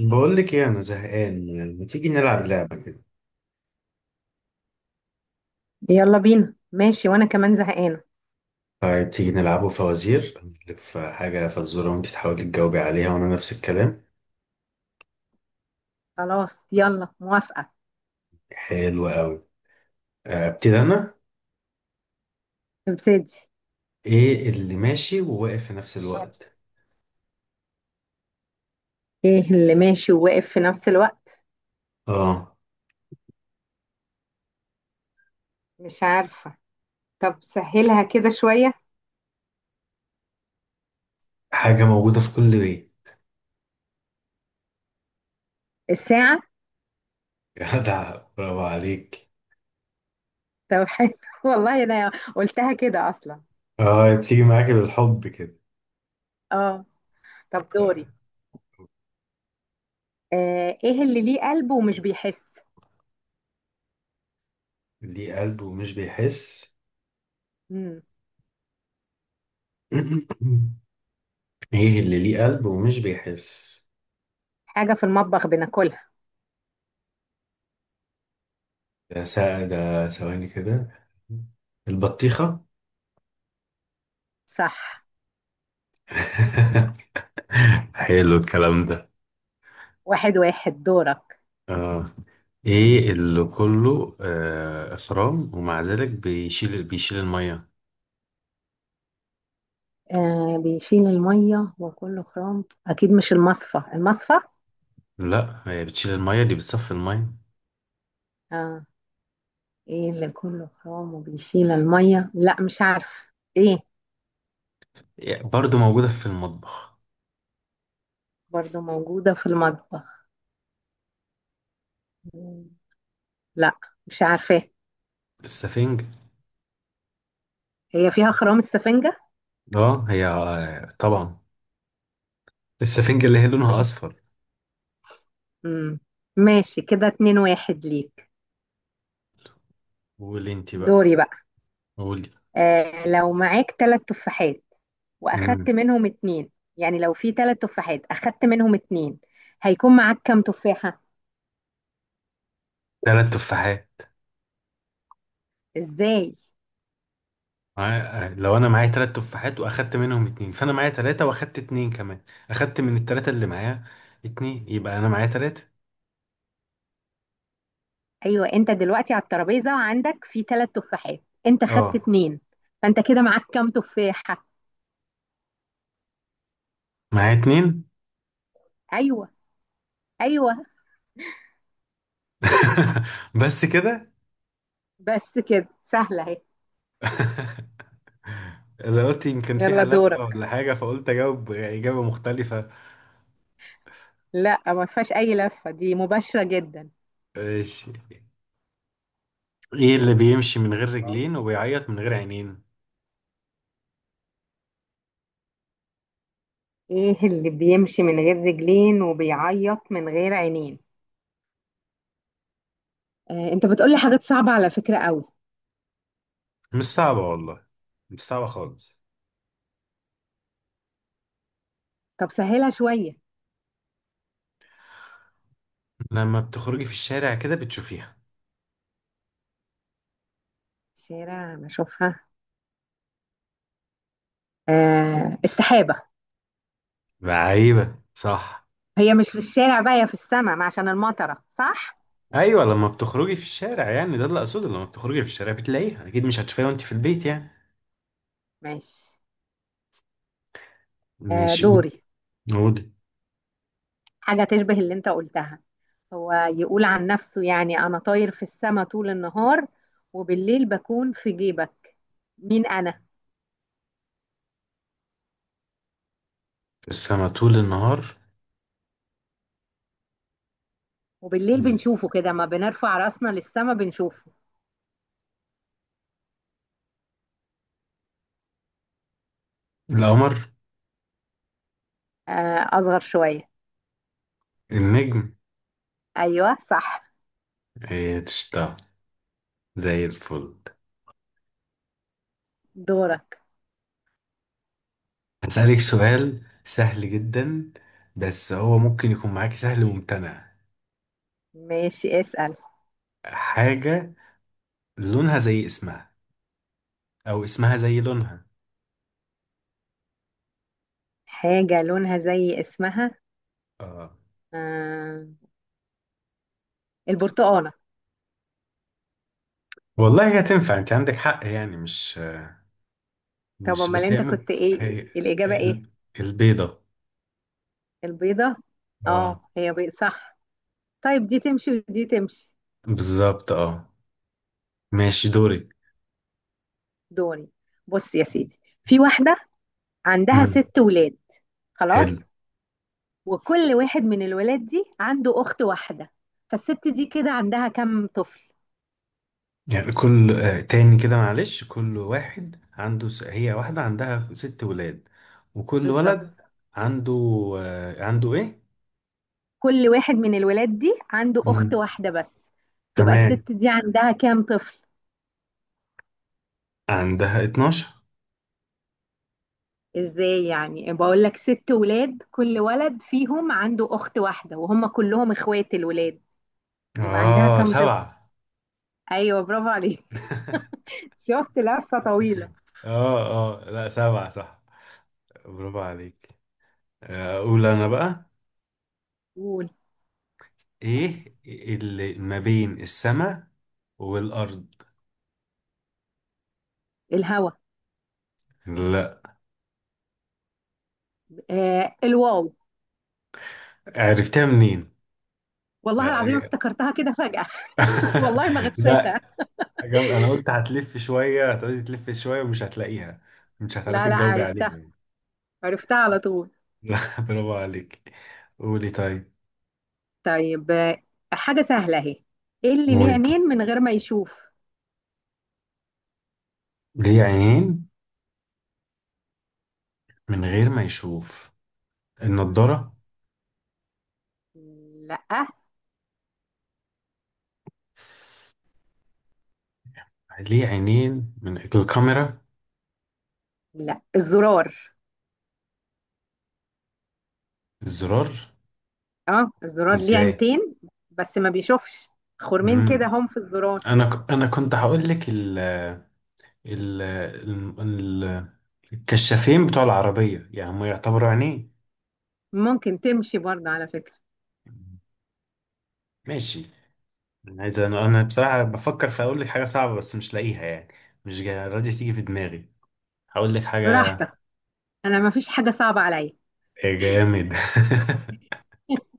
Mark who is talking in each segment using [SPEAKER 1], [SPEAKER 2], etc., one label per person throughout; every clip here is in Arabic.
[SPEAKER 1] بقول لك ايه؟ انا زهقان، يعني ما تيجي نلعب لعبه كده؟
[SPEAKER 2] يلا بينا ماشي وانا كمان زهقانه.
[SPEAKER 1] طيب، تيجي نلعبه فوازير. ألف حاجه فزوره وانت تحاولي تجاوبي عليها وانا نفس الكلام.
[SPEAKER 2] خلاص يلا موافقه.
[SPEAKER 1] حلو قوي. آه، ابتدي انا.
[SPEAKER 2] نبتدي.
[SPEAKER 1] ايه اللي ماشي وواقف في نفس الوقت؟
[SPEAKER 2] ايه اللي ماشي وواقف في نفس الوقت؟
[SPEAKER 1] اه.
[SPEAKER 2] مش عارفه. طب سهلها كده شويه.
[SPEAKER 1] حاجه موجوده في كل بيت.
[SPEAKER 2] الساعه.
[SPEAKER 1] جدع، برافو عليك.
[SPEAKER 2] طب حلو والله انا قلتها كده اصلا.
[SPEAKER 1] اه، بتيجي معاكي بالحب كده.
[SPEAKER 2] اه. طب
[SPEAKER 1] طيب،
[SPEAKER 2] دوري. ايه اللي ليه قلب ومش بيحس؟
[SPEAKER 1] ليه قلب ومش بيحس؟
[SPEAKER 2] مم.
[SPEAKER 1] ايه اللي ليه قلب ومش بيحس؟
[SPEAKER 2] حاجه في المطبخ بناكلها.
[SPEAKER 1] ده ثواني كده. البطيخه.
[SPEAKER 2] صح.
[SPEAKER 1] حلو الكلام ده.
[SPEAKER 2] 1-1، دورك.
[SPEAKER 1] اه، ايه اللي كله اخرام ومع ذلك بيشيل الميه؟
[SPEAKER 2] آه، بيشيل الميه وكله خرام اكيد، مش المصفى المصفى.
[SPEAKER 1] لا، هي بتشيل الميه، دي بتصفي الميه.
[SPEAKER 2] آه. ايه اللي كله خام وبيشيل المية؟ لا مش عارفة. ايه؟
[SPEAKER 1] يعني برضو موجوده في المطبخ.
[SPEAKER 2] برضو موجودة في المطبخ. مم. لا. مش عارفة.
[SPEAKER 1] السفنج.
[SPEAKER 2] هي فيها خرام، السفنجة.
[SPEAKER 1] اه، هي طبعا. السفنج اللي هي لونها
[SPEAKER 2] ماشي.
[SPEAKER 1] اصفر.
[SPEAKER 2] مم. ماشي كده، 2-1 ليك.
[SPEAKER 1] قولي انت بقى.
[SPEAKER 2] دوري بقى.
[SPEAKER 1] قولي.
[SPEAKER 2] لو معاك تلات تفاحات واخدت
[SPEAKER 1] امم.
[SPEAKER 2] منهم اتنين، يعني لو في تلات تفاحات اخدت منهم اتنين، هيكون معاك كام تفاحة؟
[SPEAKER 1] ثلاث تفاحات.
[SPEAKER 2] ازاي؟
[SPEAKER 1] آه، آه، لو انا معايا ثلاث تفاحات واخدت منهم اتنين فانا معايا ثلاثه واخدت اتنين كمان. اخدت من الثلاثه اللي معايا اتنين، يبقى انا معايا ثلاثه.
[SPEAKER 2] ايوه، انت دلوقتي على الترابيزة وعندك في تلات تفاحات، انت خدت
[SPEAKER 1] اه.
[SPEAKER 2] اتنين، فانت كده معاك كام تفاحة؟
[SPEAKER 1] معايا اتنين.
[SPEAKER 2] ايوه. ايوه.
[SPEAKER 1] بس كده.
[SPEAKER 2] بس كده سهله اهي.
[SPEAKER 1] اللي قلت يمكن فيها
[SPEAKER 2] يلا
[SPEAKER 1] لفة ولا
[SPEAKER 2] دورك.
[SPEAKER 1] حاجة، فقلت أجاوب إجابة مختلفة.
[SPEAKER 2] لا ما فيهاش اي لفه، دي مباشره جدا.
[SPEAKER 1] ماشي. إيه اللي بيمشي من غير رجلين وبيعيط من غير عينين؟
[SPEAKER 2] ايه اللي بيمشي من غير رجلين وبيعيط من غير عينين؟ آه، انت بتقولي حاجات صعبه على فكره قوي.
[SPEAKER 1] مش صعبة والله. مش صعبة خالص.
[SPEAKER 2] طب سهلها شويه.
[SPEAKER 1] لما بتخرجي في الشارع كده بتشوفيها.
[SPEAKER 2] شارع انا اشوفها. آه، السحابه.
[SPEAKER 1] عيبة صح.
[SPEAKER 2] هي مش في الشارع بقى، هي في السماء عشان المطره، صح.
[SPEAKER 1] أيوة، لما بتخرجي في الشارع يعني ده اللي أقصده، لما بتخرجي في الشارع بتلاقيها، أكيد مش هتشوفيها وأنت في البيت يعني.
[SPEAKER 2] ماشي.
[SPEAKER 1] ماشي، قول.
[SPEAKER 2] دوري.
[SPEAKER 1] قول.
[SPEAKER 2] حاجة تشبه اللي انت قلتها. هو يقول عن نفسه يعني أنا طاير في السماء طول النهار، وبالليل بكون في جيبك. مين أنا؟
[SPEAKER 1] السما طول النهار.
[SPEAKER 2] وبالليل بنشوفه كده، ما بنرفع راسنا للسماء بنشوفه.
[SPEAKER 1] القمر.
[SPEAKER 2] آه، أصغر شوية.
[SPEAKER 1] النجم.
[SPEAKER 2] أيوة صح.
[SPEAKER 1] ايه تشتغل؟ زي الفل.
[SPEAKER 2] دورك.
[SPEAKER 1] هسألك سؤال سهل جدا، بس هو ممكن يكون معاكي سهل وممتنع.
[SPEAKER 2] ماشي اسأل.
[SPEAKER 1] حاجة لونها زي اسمها، أو اسمها زي لونها.
[SPEAKER 2] حاجة لونها زي اسمها.
[SPEAKER 1] آه.
[SPEAKER 2] آه، البرتقالة.
[SPEAKER 1] والله هي تنفع، أنت عندك حق يعني، مش
[SPEAKER 2] طب
[SPEAKER 1] مش
[SPEAKER 2] أمال
[SPEAKER 1] بس هي
[SPEAKER 2] أنت
[SPEAKER 1] ممكن
[SPEAKER 2] كنت إيه
[SPEAKER 1] هي.
[SPEAKER 2] الإجابة،
[SPEAKER 1] ال-
[SPEAKER 2] إيه؟
[SPEAKER 1] البيضة.
[SPEAKER 2] البيضة؟
[SPEAKER 1] اه.
[SPEAKER 2] آه هي بيضة، صح. طيب دي تمشي ودي تمشي.
[SPEAKER 1] بالظبط اه. ماشي، دوري.
[SPEAKER 2] دوري. بص يا سيدي، في واحدة عندها
[SPEAKER 1] مم.
[SPEAKER 2] ست ولاد.
[SPEAKER 1] حلو.
[SPEAKER 2] خلاص. وكل واحد من الولاد دي عنده أخت واحدة، فالست دي كده عندها كم طفل؟
[SPEAKER 1] يعني كل آه، تاني كده معلش كل واحد عنده هي واحدة عندها ست ولاد. وكل
[SPEAKER 2] بالظبط.
[SPEAKER 1] ولد عنده عنده ايه؟
[SPEAKER 2] كل واحد من الولاد دي عنده أخت
[SPEAKER 1] مم.
[SPEAKER 2] واحدة بس. تبقى
[SPEAKER 1] تمام.
[SPEAKER 2] الست دي عندها كام طفل؟
[SPEAKER 1] عندها 12.
[SPEAKER 2] ازاي يعني، بقول لك ست ولاد كل ولد فيهم عنده أخت واحدة وهم كلهم اخوات الولاد، يبقى عندها
[SPEAKER 1] اه،
[SPEAKER 2] كام طفل؟
[SPEAKER 1] سبعة.
[SPEAKER 2] ايوه برافو عليك. شفت لفة طويلة.
[SPEAKER 1] اه، اه، لا، سبعة صح. برافو عليك. آه، اقول انا بقى.
[SPEAKER 2] قول.
[SPEAKER 1] ايه اللي ما بين السماء والارض؟
[SPEAKER 2] الهوا.
[SPEAKER 1] لا.
[SPEAKER 2] آه، الواو.
[SPEAKER 1] عرفتها منين؟
[SPEAKER 2] والله العظيم
[SPEAKER 1] لا.
[SPEAKER 2] افتكرتها كده فجأة. والله ما
[SPEAKER 1] لا.
[SPEAKER 2] غشيتها.
[SPEAKER 1] جامد، انا قلت هتلف شويه، هتقعدي تلف شويه ومش هتلاقيها. مش
[SPEAKER 2] لا،
[SPEAKER 1] هتعرفي
[SPEAKER 2] لا،
[SPEAKER 1] تجاوبي عليها
[SPEAKER 2] عرفتها.
[SPEAKER 1] يعني.
[SPEAKER 2] عرفتها على طول.
[SPEAKER 1] لا، برافو عليك. قولي طيب.
[SPEAKER 2] طيب. حاجة سهلة اهي. ايه اللي ليه
[SPEAKER 1] قولي.
[SPEAKER 2] عينين من غير ما يشوف؟
[SPEAKER 1] ليه عينين من غير ما يشوف؟
[SPEAKER 2] مم.
[SPEAKER 1] النضاره.
[SPEAKER 2] لا.
[SPEAKER 1] ليه عينين من الكاميرا؟
[SPEAKER 2] لا، الزرار.
[SPEAKER 1] الزرار.
[SPEAKER 2] اه الزرار ليه
[SPEAKER 1] ازاي؟
[SPEAKER 2] عينتين، بس ما بيشوفش. خرمين كده
[SPEAKER 1] مم.
[SPEAKER 2] هم في الزرار.
[SPEAKER 1] انا كنت هقول لك ال... ال... ال... الكشافين بتوع العربيه، يعني هم يعتبروا عينين.
[SPEAKER 2] ممكن تمشي برضه على فكرة.
[SPEAKER 1] ماشي. انا عايز انا أنا بصراحه بفكر في اقول لك حاجه صعبه، بس مش لاقيها يعني. مش راضيه تيجي في دماغي. هقول لك حاجه.
[SPEAKER 2] براحتك. انا ما فيش حاجة صعبة عليا.
[SPEAKER 1] يا جامد.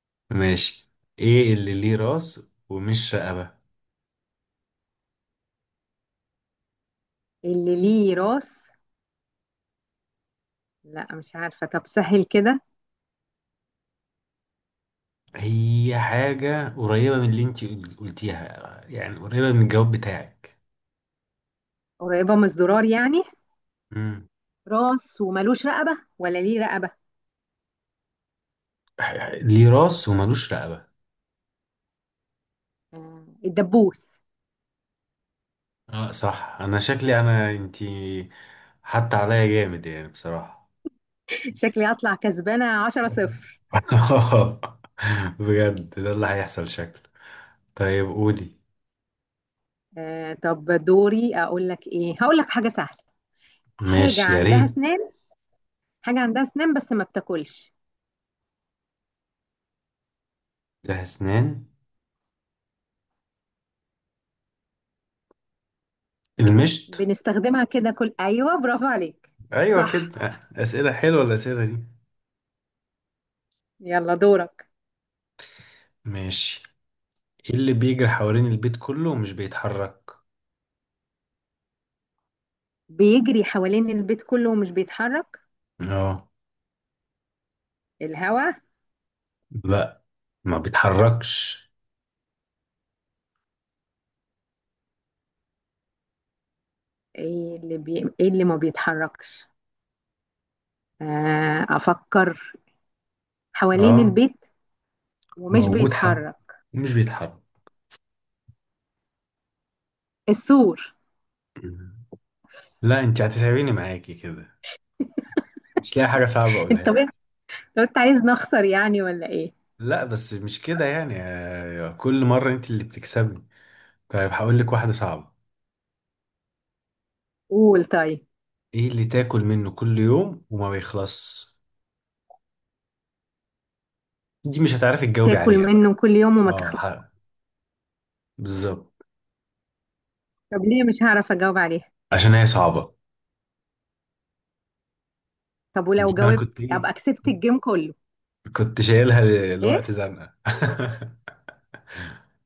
[SPEAKER 1] ماشي. ايه اللي ليه راس ومش رقبه؟
[SPEAKER 2] اللي ليه راس. لا مش عارفة، طب سهل كده.
[SPEAKER 1] هي حاجه قريبه من اللي انت قلتيها، يعني قريبه من الجواب بتاعك.
[SPEAKER 2] قريبة من الزرار يعني.
[SPEAKER 1] امم.
[SPEAKER 2] راس وملوش رقبة، ولا ليه رقبة؟
[SPEAKER 1] ليه راس وملوش رقبه.
[SPEAKER 2] آه، الدبوس.
[SPEAKER 1] اه، صح، انا شكلي انا انت حتى عليا جامد يعني بصراحه.
[SPEAKER 2] شكلي هطلع كسبانة 10-0.
[SPEAKER 1] بجد، ده اللي هيحصل شكله. طيب، قولي.
[SPEAKER 2] طب دوري أقول لك إيه، هقول لك حاجة سهلة. حاجة
[SPEAKER 1] ماشي، يا
[SPEAKER 2] عندها
[SPEAKER 1] ريت.
[SPEAKER 2] أسنان. حاجة عندها أسنان بس ما بتاكلش.
[SPEAKER 1] ده اسنان. المشط.
[SPEAKER 2] بنستخدمها كده كل، أيوه برافو عليك.
[SPEAKER 1] ايوه،
[SPEAKER 2] صح.
[SPEAKER 1] كده اسئله حلوه الاسئله دي.
[SPEAKER 2] يلا دورك.
[SPEAKER 1] ماشي. ايه اللي بيجري حوالين البيت كله ومش بيتحرك؟
[SPEAKER 2] بيجري حوالين البيت كله ومش بيتحرك.
[SPEAKER 1] اه.
[SPEAKER 2] الهوا.
[SPEAKER 1] لا، ما بيتحركش.
[SPEAKER 2] إيه اللي ما بيتحركش. أفكر. حوالين
[SPEAKER 1] اه،
[SPEAKER 2] البيت. ومش
[SPEAKER 1] موجود حق
[SPEAKER 2] بيتحرك.
[SPEAKER 1] ومش بيتحرك.
[SPEAKER 2] السور.
[SPEAKER 1] لا، انت هتتعبيني معاكي كده. مش لاقي حاجه صعبه اقولها
[SPEAKER 2] انت، لو
[SPEAKER 1] لك.
[SPEAKER 2] انت عايز نخسر يعني، ولا ايه؟
[SPEAKER 1] لا بس مش كده يعني، كل مره انت اللي بتكسبني. طيب، هقول لك واحده صعبه.
[SPEAKER 2] قول طيب.
[SPEAKER 1] ايه اللي تاكل منه كل يوم وما بيخلص؟ دي مش هتعرفي تجاوبي
[SPEAKER 2] تاكل
[SPEAKER 1] عليها بقى.
[SPEAKER 2] منه كل يوم وما
[SPEAKER 1] اه
[SPEAKER 2] تخلص.
[SPEAKER 1] بالظبط.
[SPEAKER 2] طب ليه مش هعرف اجاوب عليها؟
[SPEAKER 1] عشان هي صعبة.
[SPEAKER 2] طب
[SPEAKER 1] دي
[SPEAKER 2] ولو
[SPEAKER 1] أنا
[SPEAKER 2] جاوبت
[SPEAKER 1] كنت إيه؟
[SPEAKER 2] ابقى كسبت الجيم كله.
[SPEAKER 1] كنت شايلها لوقت
[SPEAKER 2] ايه.
[SPEAKER 1] زنقة.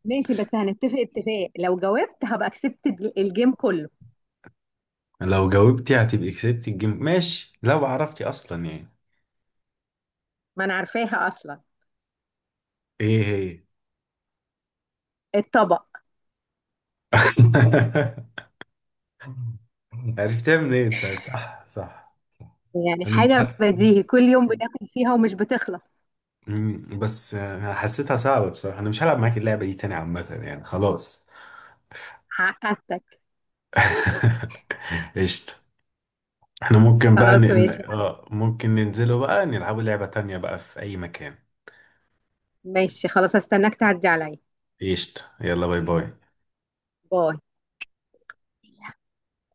[SPEAKER 2] ماشي، بس هنتفق اتفاق لو جاوبت هبقى كسبت الجيم كله.
[SPEAKER 1] لو جاوبتي هتبقي كسبتي الجيم، ماشي لو عرفتي أصلا يعني.
[SPEAKER 2] ما انا عارفاها اصلا.
[SPEAKER 1] إيه هي؟
[SPEAKER 2] الطبق.
[SPEAKER 1] عرفتها منين؟ طيب، صح، صح، صح.
[SPEAKER 2] يعني
[SPEAKER 1] أنا مش
[SPEAKER 2] حاجة
[SPEAKER 1] عارف.
[SPEAKER 2] بديهي كل يوم بناكل فيها ومش بتخلص.
[SPEAKER 1] بس أنا حسيتها صعبة بصراحة، أنا مش هلعب معاك اللعبة دي تاني عامة يعني، خلاص.
[SPEAKER 2] حققتك.
[SPEAKER 1] قشطة. احنا ممكن بقى
[SPEAKER 2] خلاص ماشي.
[SPEAKER 1] ممكن ننزله بقى نلعبوا لعبة تانية بقى في اي مكان.
[SPEAKER 2] ماشي خلاص، هستناك تعدي عليا.
[SPEAKER 1] قشطة، يلا، باي باي.
[SPEAKER 2] باي.